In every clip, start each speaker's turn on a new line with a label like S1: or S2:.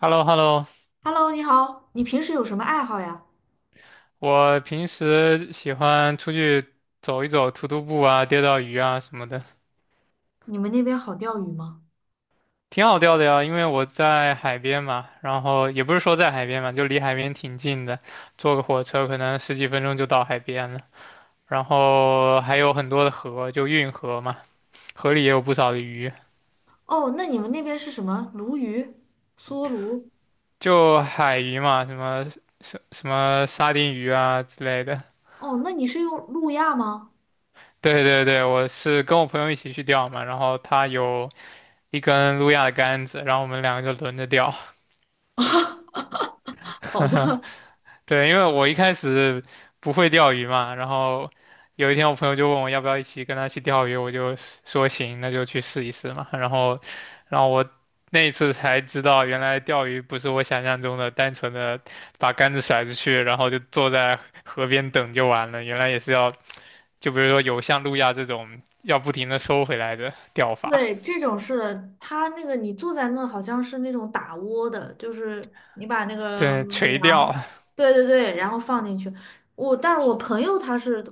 S1: h e l l o h e l l o。
S2: Hello，你好，你平时有什么爱好呀？
S1: 我平时喜欢出去走一走，徒步啊，钓钓鱼啊什么的，
S2: 你们那边好钓鱼吗？
S1: 挺好钓的呀。因为我在海边嘛，然后也不是说在海边嘛，就离海边挺近的，坐个火车可能十几分钟就到海边了。然后还有很多的河，就运河嘛，河里也有不少的鱼，
S2: 哦，那你们那边是什么？鲈鱼、梭鲈？
S1: 就海鱼嘛，什么沙丁鱼啊之类的。
S2: 哦，那你是用路亚吗？
S1: 对对对，我是跟我朋友一起去钓嘛，然后他有。一根路亚的杆子，然后我们两个就轮着钓。
S2: 好 的。
S1: 对，因为我一开始不会钓鱼嘛，然后有一天我朋友就问我要不要一起跟他去钓鱼，我就说行，那就去试一试嘛。然后我那一次才知道，原来钓鱼不是我想象中的单纯的把杆子甩出去，然后就坐在河边等就完了，原来也是要，就比如说有像路亚这种要不停的收回来的钓 法，
S2: 对，这种是的，它那个你坐在那好像是那种打窝的，就是你把那个
S1: 对，垂
S2: 粮，
S1: 钓。
S2: 对对对，然后放进去。但是我朋友他是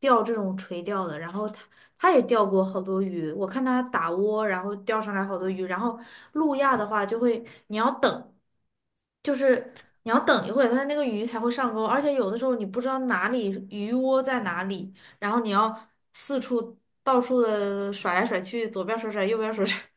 S2: 钓这种垂钓的，然后他也钓过好多鱼，我看他打窝，然后钓上来好多鱼，然后路亚的话就会你要等。就是你要等一会儿，它那个鱼才会上钩，而且有的时候你不知道哪里鱼窝在哪里，然后你要四处到处的甩来甩去，左边甩甩，右边甩甩。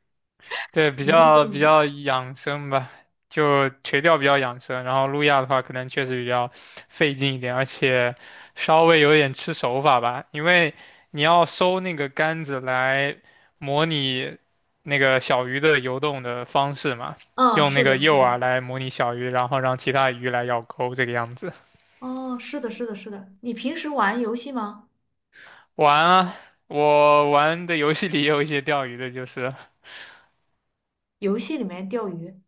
S1: 对，比较养生吧，就垂钓比较养生，然后路亚的话可能确实比较费劲一点，而且稍微有点吃手法吧，因为你要收那个杆子来模拟那个小鱼的游动的方式嘛，
S2: 嗯，
S1: 用
S2: 是
S1: 那个
S2: 的，是
S1: 诱
S2: 的。
S1: 饵来模拟小鱼，然后让其他鱼来咬钩这个样子。
S2: 哦，是的，是的，是的。你平时玩游戏吗？
S1: 玩啊，我玩的游戏里也有一些钓鱼的，就是，
S2: 游戏里面钓鱼？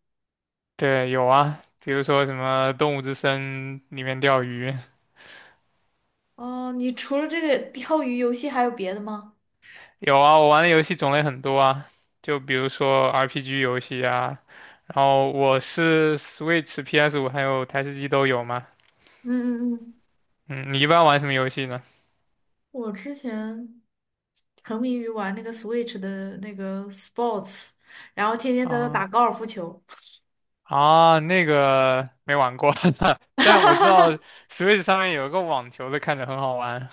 S1: 对，有啊，比如说什么《动物之森》里面钓鱼。
S2: 哦，你除了这个钓鱼游戏还有别的吗？
S1: 有啊，我玩的游戏种类很多啊，就比如说 RPG 游戏啊，然后我是 Switch、PS5还有台式机都有嘛。
S2: 嗯嗯嗯。
S1: 嗯，你一般玩什么游戏呢？
S2: 我之前沉迷于玩那个 Switch 的那个 Sports，然后天天在那打
S1: 啊
S2: 高尔夫球。
S1: 啊，那个没玩过，但我知道 Switch 上面有一个网球的，看着很好玩，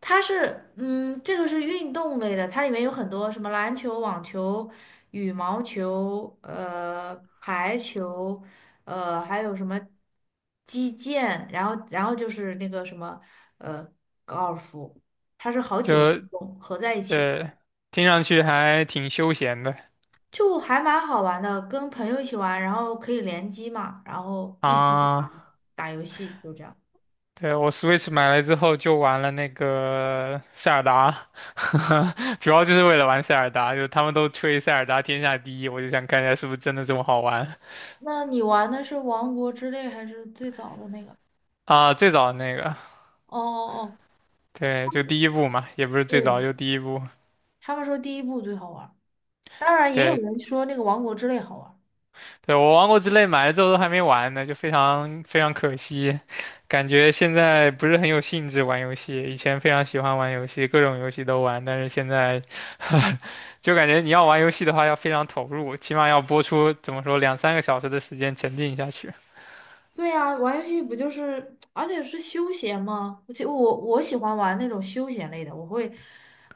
S2: 它是，嗯，这个是运动类的，它里面有很多什么篮球、网球、羽毛球、排球，还有什么击剑，然后就是那个什么，呃，高尔夫，它是好几个
S1: 就
S2: 运动合在一起，
S1: 对，听上去还挺休闲的
S2: 就还蛮好玩的，跟朋友一起玩，然后可以联机嘛，然后一起打
S1: 啊。
S2: 打游戏，就这样。
S1: 对，我 Switch 买来之后就玩了那个塞尔达，主要就是为了玩塞尔达，就他们都吹塞尔达天下第一，我就想看一下是不是真的这么好玩。
S2: 那你玩的是《王国之泪》还是最早的那个？
S1: 啊、最早的那个，
S2: 哦哦哦。
S1: 对，就第一部嘛，也不是最早，
S2: 对。
S1: 就第一部。
S2: 他们说第一部最好玩儿，当然也有
S1: 对，
S2: 人说那个《王国之泪》好玩儿。
S1: 对，我王国之泪买了之后都还没玩呢，就非常非常可惜，感觉现在不是很有兴致玩游戏。以前非常喜欢玩游戏，各种游戏都玩，但是现在 就感觉你要玩游戏的话要非常投入，起码要播出怎么说2、3个小时的时间沉浸下去。
S2: 对呀，玩游戏不就是，而且是休闲嘛。而且我喜欢玩那种休闲类的，我会，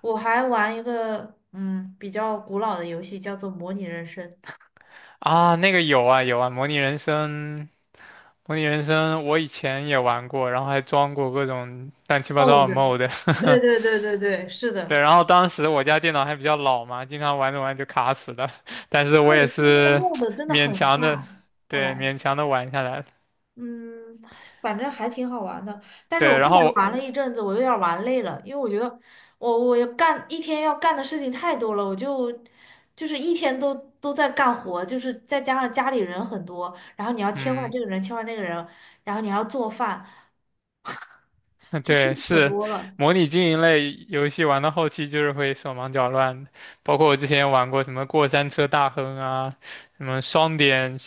S2: 我还玩一个嗯比较古老的游戏，叫做模拟人生。
S1: 啊，那个有啊有啊，模拟人生，模拟人生我以前也玩过，然后还装过各种乱七八
S2: 哦
S1: 糟的
S2: 的，
S1: mod。
S2: 对
S1: e
S2: 对对对对，是
S1: 对，
S2: 的。
S1: 然后当时我家电脑还比较老嘛，经常玩着玩着就卡死了，但是我
S2: 对，
S1: 也
S2: 因为那个
S1: 是
S2: m o 真的
S1: 勉
S2: 很
S1: 强的，
S2: 大，后
S1: 对，
S2: 来。
S1: 勉强的玩下来了。
S2: 嗯，反正还挺好玩的。但是我
S1: 对，
S2: 后
S1: 然
S2: 来
S1: 后
S2: 玩了
S1: 我
S2: 一阵子，我有点儿玩累了，因为我觉得我要干一天要干的事情太多了，我就就是一天都都在干活，就是再加上家里人很多，然后你要切换
S1: 嗯，
S2: 这个人，切换那个人，然后你还要做饭，就吃
S1: 对，
S2: 的可
S1: 是
S2: 多了。
S1: 模拟经营类游戏玩到后期就是会手忙脚乱的，包括我之前玩过什么过山车大亨啊，什么双点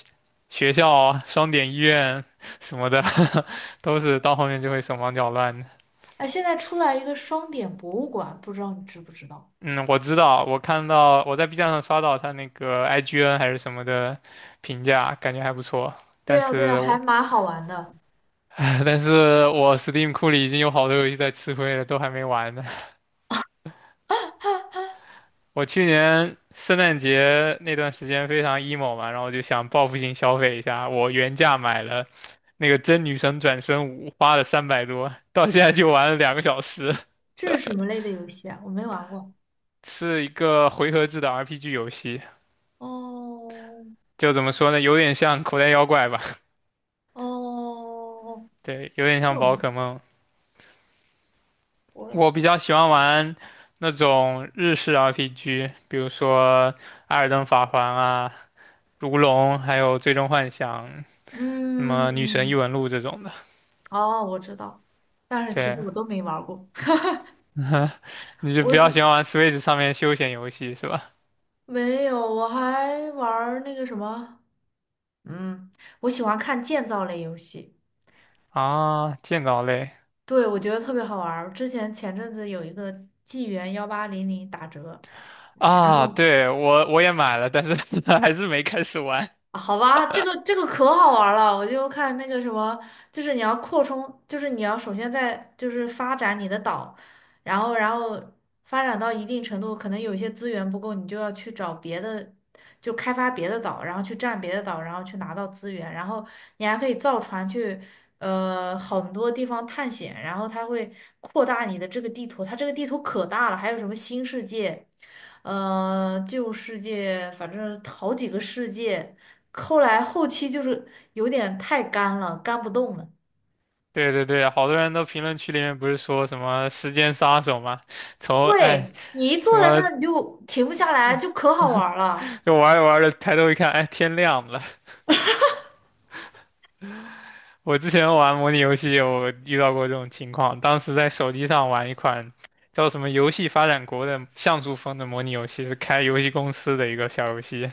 S1: 学校啊、双点医院什么的，都是到后面就会手忙脚乱的。
S2: 哎，现在出来一个双点博物馆，不知道你知不知道？
S1: 嗯，我知道，我看到我在 B 站上刷到他那个 IGN 还是什么的评价，感觉还不错。
S2: 对
S1: 但
S2: 呀，对呀，
S1: 是
S2: 还
S1: 我
S2: 蛮好玩的。
S1: 但是我 Steam 库里已经有好多游戏在吃灰了，都还没玩呢。我去年圣诞节那段时间非常 emo 嘛，然后我就想报复性消费一下，我原价买了那个《真女神转生五》，花了300多，到现在就玩了2个小时，
S2: 这是什么类的游戏啊？我没玩过。
S1: 是一个回合制的 RPG 游戏，
S2: 哦
S1: 就怎么说呢，有点像口袋妖怪吧，
S2: 哦，
S1: 对，有点像宝可梦。
S2: 我
S1: 我比较喜欢玩那种日式 RPG，比如说《艾尔登法环》啊、《如龙》，还有《最终幻想》、什么《女神异
S2: 嗯，
S1: 闻录》这种的。
S2: 哦，我知道，但是其实
S1: 对，
S2: 我都没玩儿过。
S1: 你 就比
S2: 我
S1: 较
S2: 只
S1: 喜欢玩 Switch 上面休闲游戏是吧？
S2: 没有，我还玩儿那个什么，嗯，我喜欢看建造类游戏。
S1: 啊，建造类
S2: 对，我觉得特别好玩儿。之前前阵子有一个纪元1800打折，然
S1: 啊，
S2: 后
S1: 对，我也买了，但是 还是没开始玩。
S2: 啊好吧，这个这个可好玩儿了，我就看那个什么，就是你要扩充，就是你要首先在就是发展你的岛，然后发展到一定程度，可能有些资源不够，你就要去找别的，就开发别的岛，然后去占别的岛，然后去拿到资源，然后你还可以造船去。很多地方探险，然后它会扩大你的这个地图，它这个地图可大了，还有什么新世界，旧世界，反正好几个世界。后来后期就是有点太干了，干不动了。
S1: 对对对，好多人都评论区里面不是说什么时间杀手吗？哎
S2: 对，你一
S1: 什
S2: 坐在那
S1: 么
S2: 儿你就停不下来，就可好玩儿了。
S1: 就玩着玩着抬头一看，哎天亮了，我之前玩模拟游戏有遇到过这种情况，当时在手机上玩一款叫什么《游戏发展国》的像素风的模拟游戏，是开游戏公司的一个小游戏，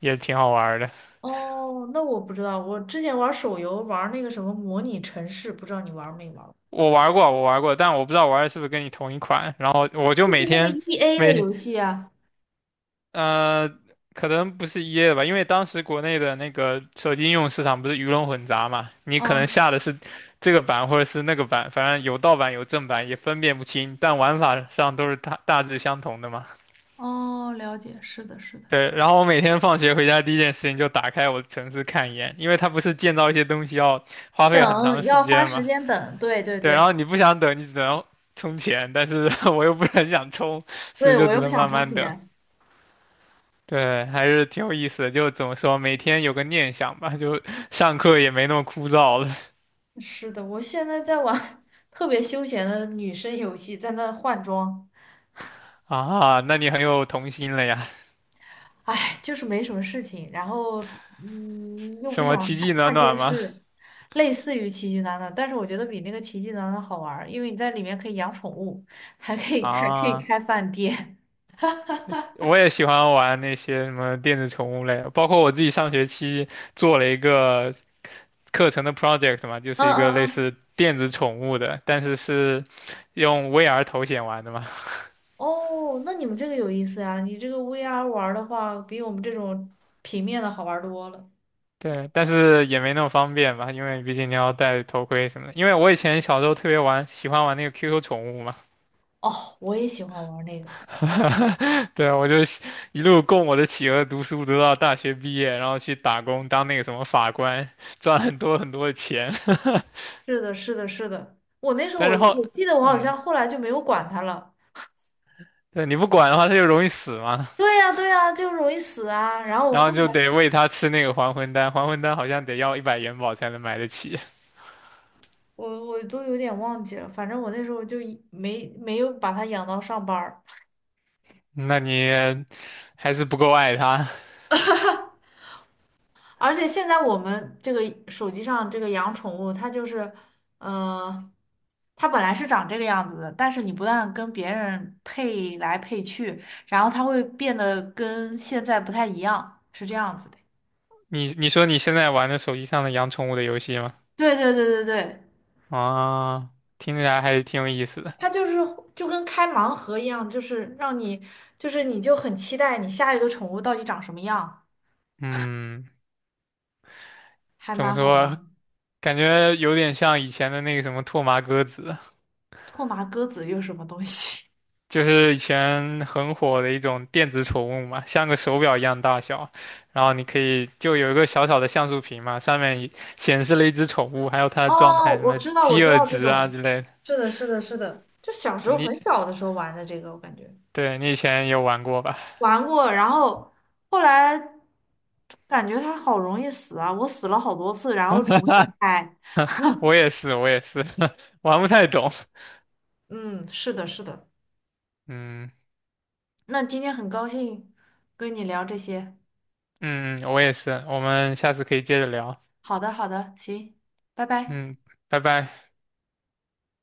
S1: 也挺好玩儿的。
S2: 哦，那我不知道，我之前玩手游玩那个什么模拟城市，不知道你玩没玩过？
S1: 我玩过，我玩过，但我不知道玩的是不是跟你同一款。然后我就
S2: 就是
S1: 每
S2: 那个
S1: 天
S2: EA 的
S1: 每
S2: 游戏啊。
S1: 呃，可能不是一 a 的吧，因为当时国内的那个手机应用市场不是鱼龙混杂嘛，你可能
S2: 嗯，
S1: 下的是这个版或者是那个版，反正有盗版有正版也分辨不清，但玩法上都是大致相同的嘛。
S2: 哦，了解，是的，是的。
S1: 对，然后我每天放学回家第一件事情就打开我的城市看一眼，因为它不是建造一些东西要花费很
S2: 等
S1: 长
S2: 要
S1: 时
S2: 花
S1: 间
S2: 时
S1: 嘛。
S2: 间等，对对
S1: 对，然
S2: 对。
S1: 后你不想等，你只能充钱，但是 我又不是很想充，所以
S2: 对
S1: 就
S2: 我
S1: 只
S2: 又不
S1: 能
S2: 想
S1: 慢
S2: 充
S1: 慢等。
S2: 钱。
S1: 对，还是挺有意思的，就怎么说，每天有个念想吧，就上课也没那么枯燥了
S2: 是的，我现在在玩 特别休闲的女生游戏，在那换装。
S1: 啊。那你很有童心了呀？
S2: 哎，就是没什么事情，然后嗯，又不
S1: 什么
S2: 想
S1: 奇迹
S2: 看
S1: 暖
S2: 看电
S1: 暖吗？
S2: 视。类似于奇迹暖暖，但是我觉得比那个奇迹暖暖好玩儿，因为你在里面可以养宠物，还可以 还可以
S1: 啊。
S2: 开饭店。
S1: 我也喜欢玩那些什么电子宠物类的包括我自己上学期做了一个课程的 project 嘛，就
S2: 嗯
S1: 是一个类
S2: 嗯嗯。
S1: 似电子宠物的，但是是用 VR 头显玩的嘛。
S2: 哦，那你们这个有意思啊！你这个 VR 玩儿的话，比我们这种平面的好玩儿多了。
S1: 对，但是也没那么方便吧，因为毕竟你要戴头盔什么的。因为我以前小时候特别玩，喜欢玩那个 QQ 宠物嘛。
S2: 哦，我也喜欢玩儿那个。
S1: 对，我就一路供我的企鹅读书，读到大学毕业，然后去打工当那个什么法官，赚很多很多的钱。
S2: 是的，是的，是的。我那时候
S1: 但
S2: 我
S1: 是后，
S2: 我记得我好
S1: 嗯，
S2: 像后来就没有管它了。
S1: 对，你不管的话，它就容易死嘛，
S2: 对 呀，对呀，就容易死啊。
S1: 然后就得喂它吃那个还魂丹，还魂丹好像得要100元宝才能买得起，
S2: 我都有点忘记了，反正我那时候就一没有把它养到上班儿。
S1: 那你还是不够爱它。
S2: 而且现在我们这个手机上这个养宠物，它就是，呃，它本来是长这个样子的，但是你不但跟别人配来配去，然后它会变得跟现在不太一样，是这样子的。
S1: 你说你现在玩的手机上的养宠物的游戏吗？
S2: 对对对对对。
S1: 啊，听起来还是挺有意思的。
S2: 它就是就跟开盲盒一样，就是让你就是你就很期待你下一个宠物到底长什么样，
S1: 嗯，
S2: 还
S1: 怎么
S2: 蛮好玩
S1: 说？
S2: 的。
S1: 感觉有点像以前的那个什么拓麻歌子，
S2: 拓麻鸽子又是什么东西？
S1: 就是以前很火的一种电子宠物嘛，像个手表一样大小，然后你可以就有一个小小的像素屏嘛，上面一显示了一只宠物，还有它 的
S2: 哦，
S1: 状态，什
S2: 我
S1: 么
S2: 知道，我
S1: 饥
S2: 知
S1: 饿
S2: 道这
S1: 值啊
S2: 种，
S1: 之类的。
S2: 是的，是的，是的，就小时候
S1: 你
S2: 很小的时候玩的这个，我感觉，
S1: 对你以前有玩过吧？
S2: 玩过，然后后来感觉它好容易死啊，我死了好多次，然后重新开。
S1: 我也是，我也是，玩不太懂。
S2: 嗯，是的，是的。
S1: 嗯
S2: 那今天很高兴跟你聊这些。
S1: 嗯，嗯我也是。我们下次可以接着聊。
S2: 好的，好的，行，拜拜。
S1: 嗯，拜拜。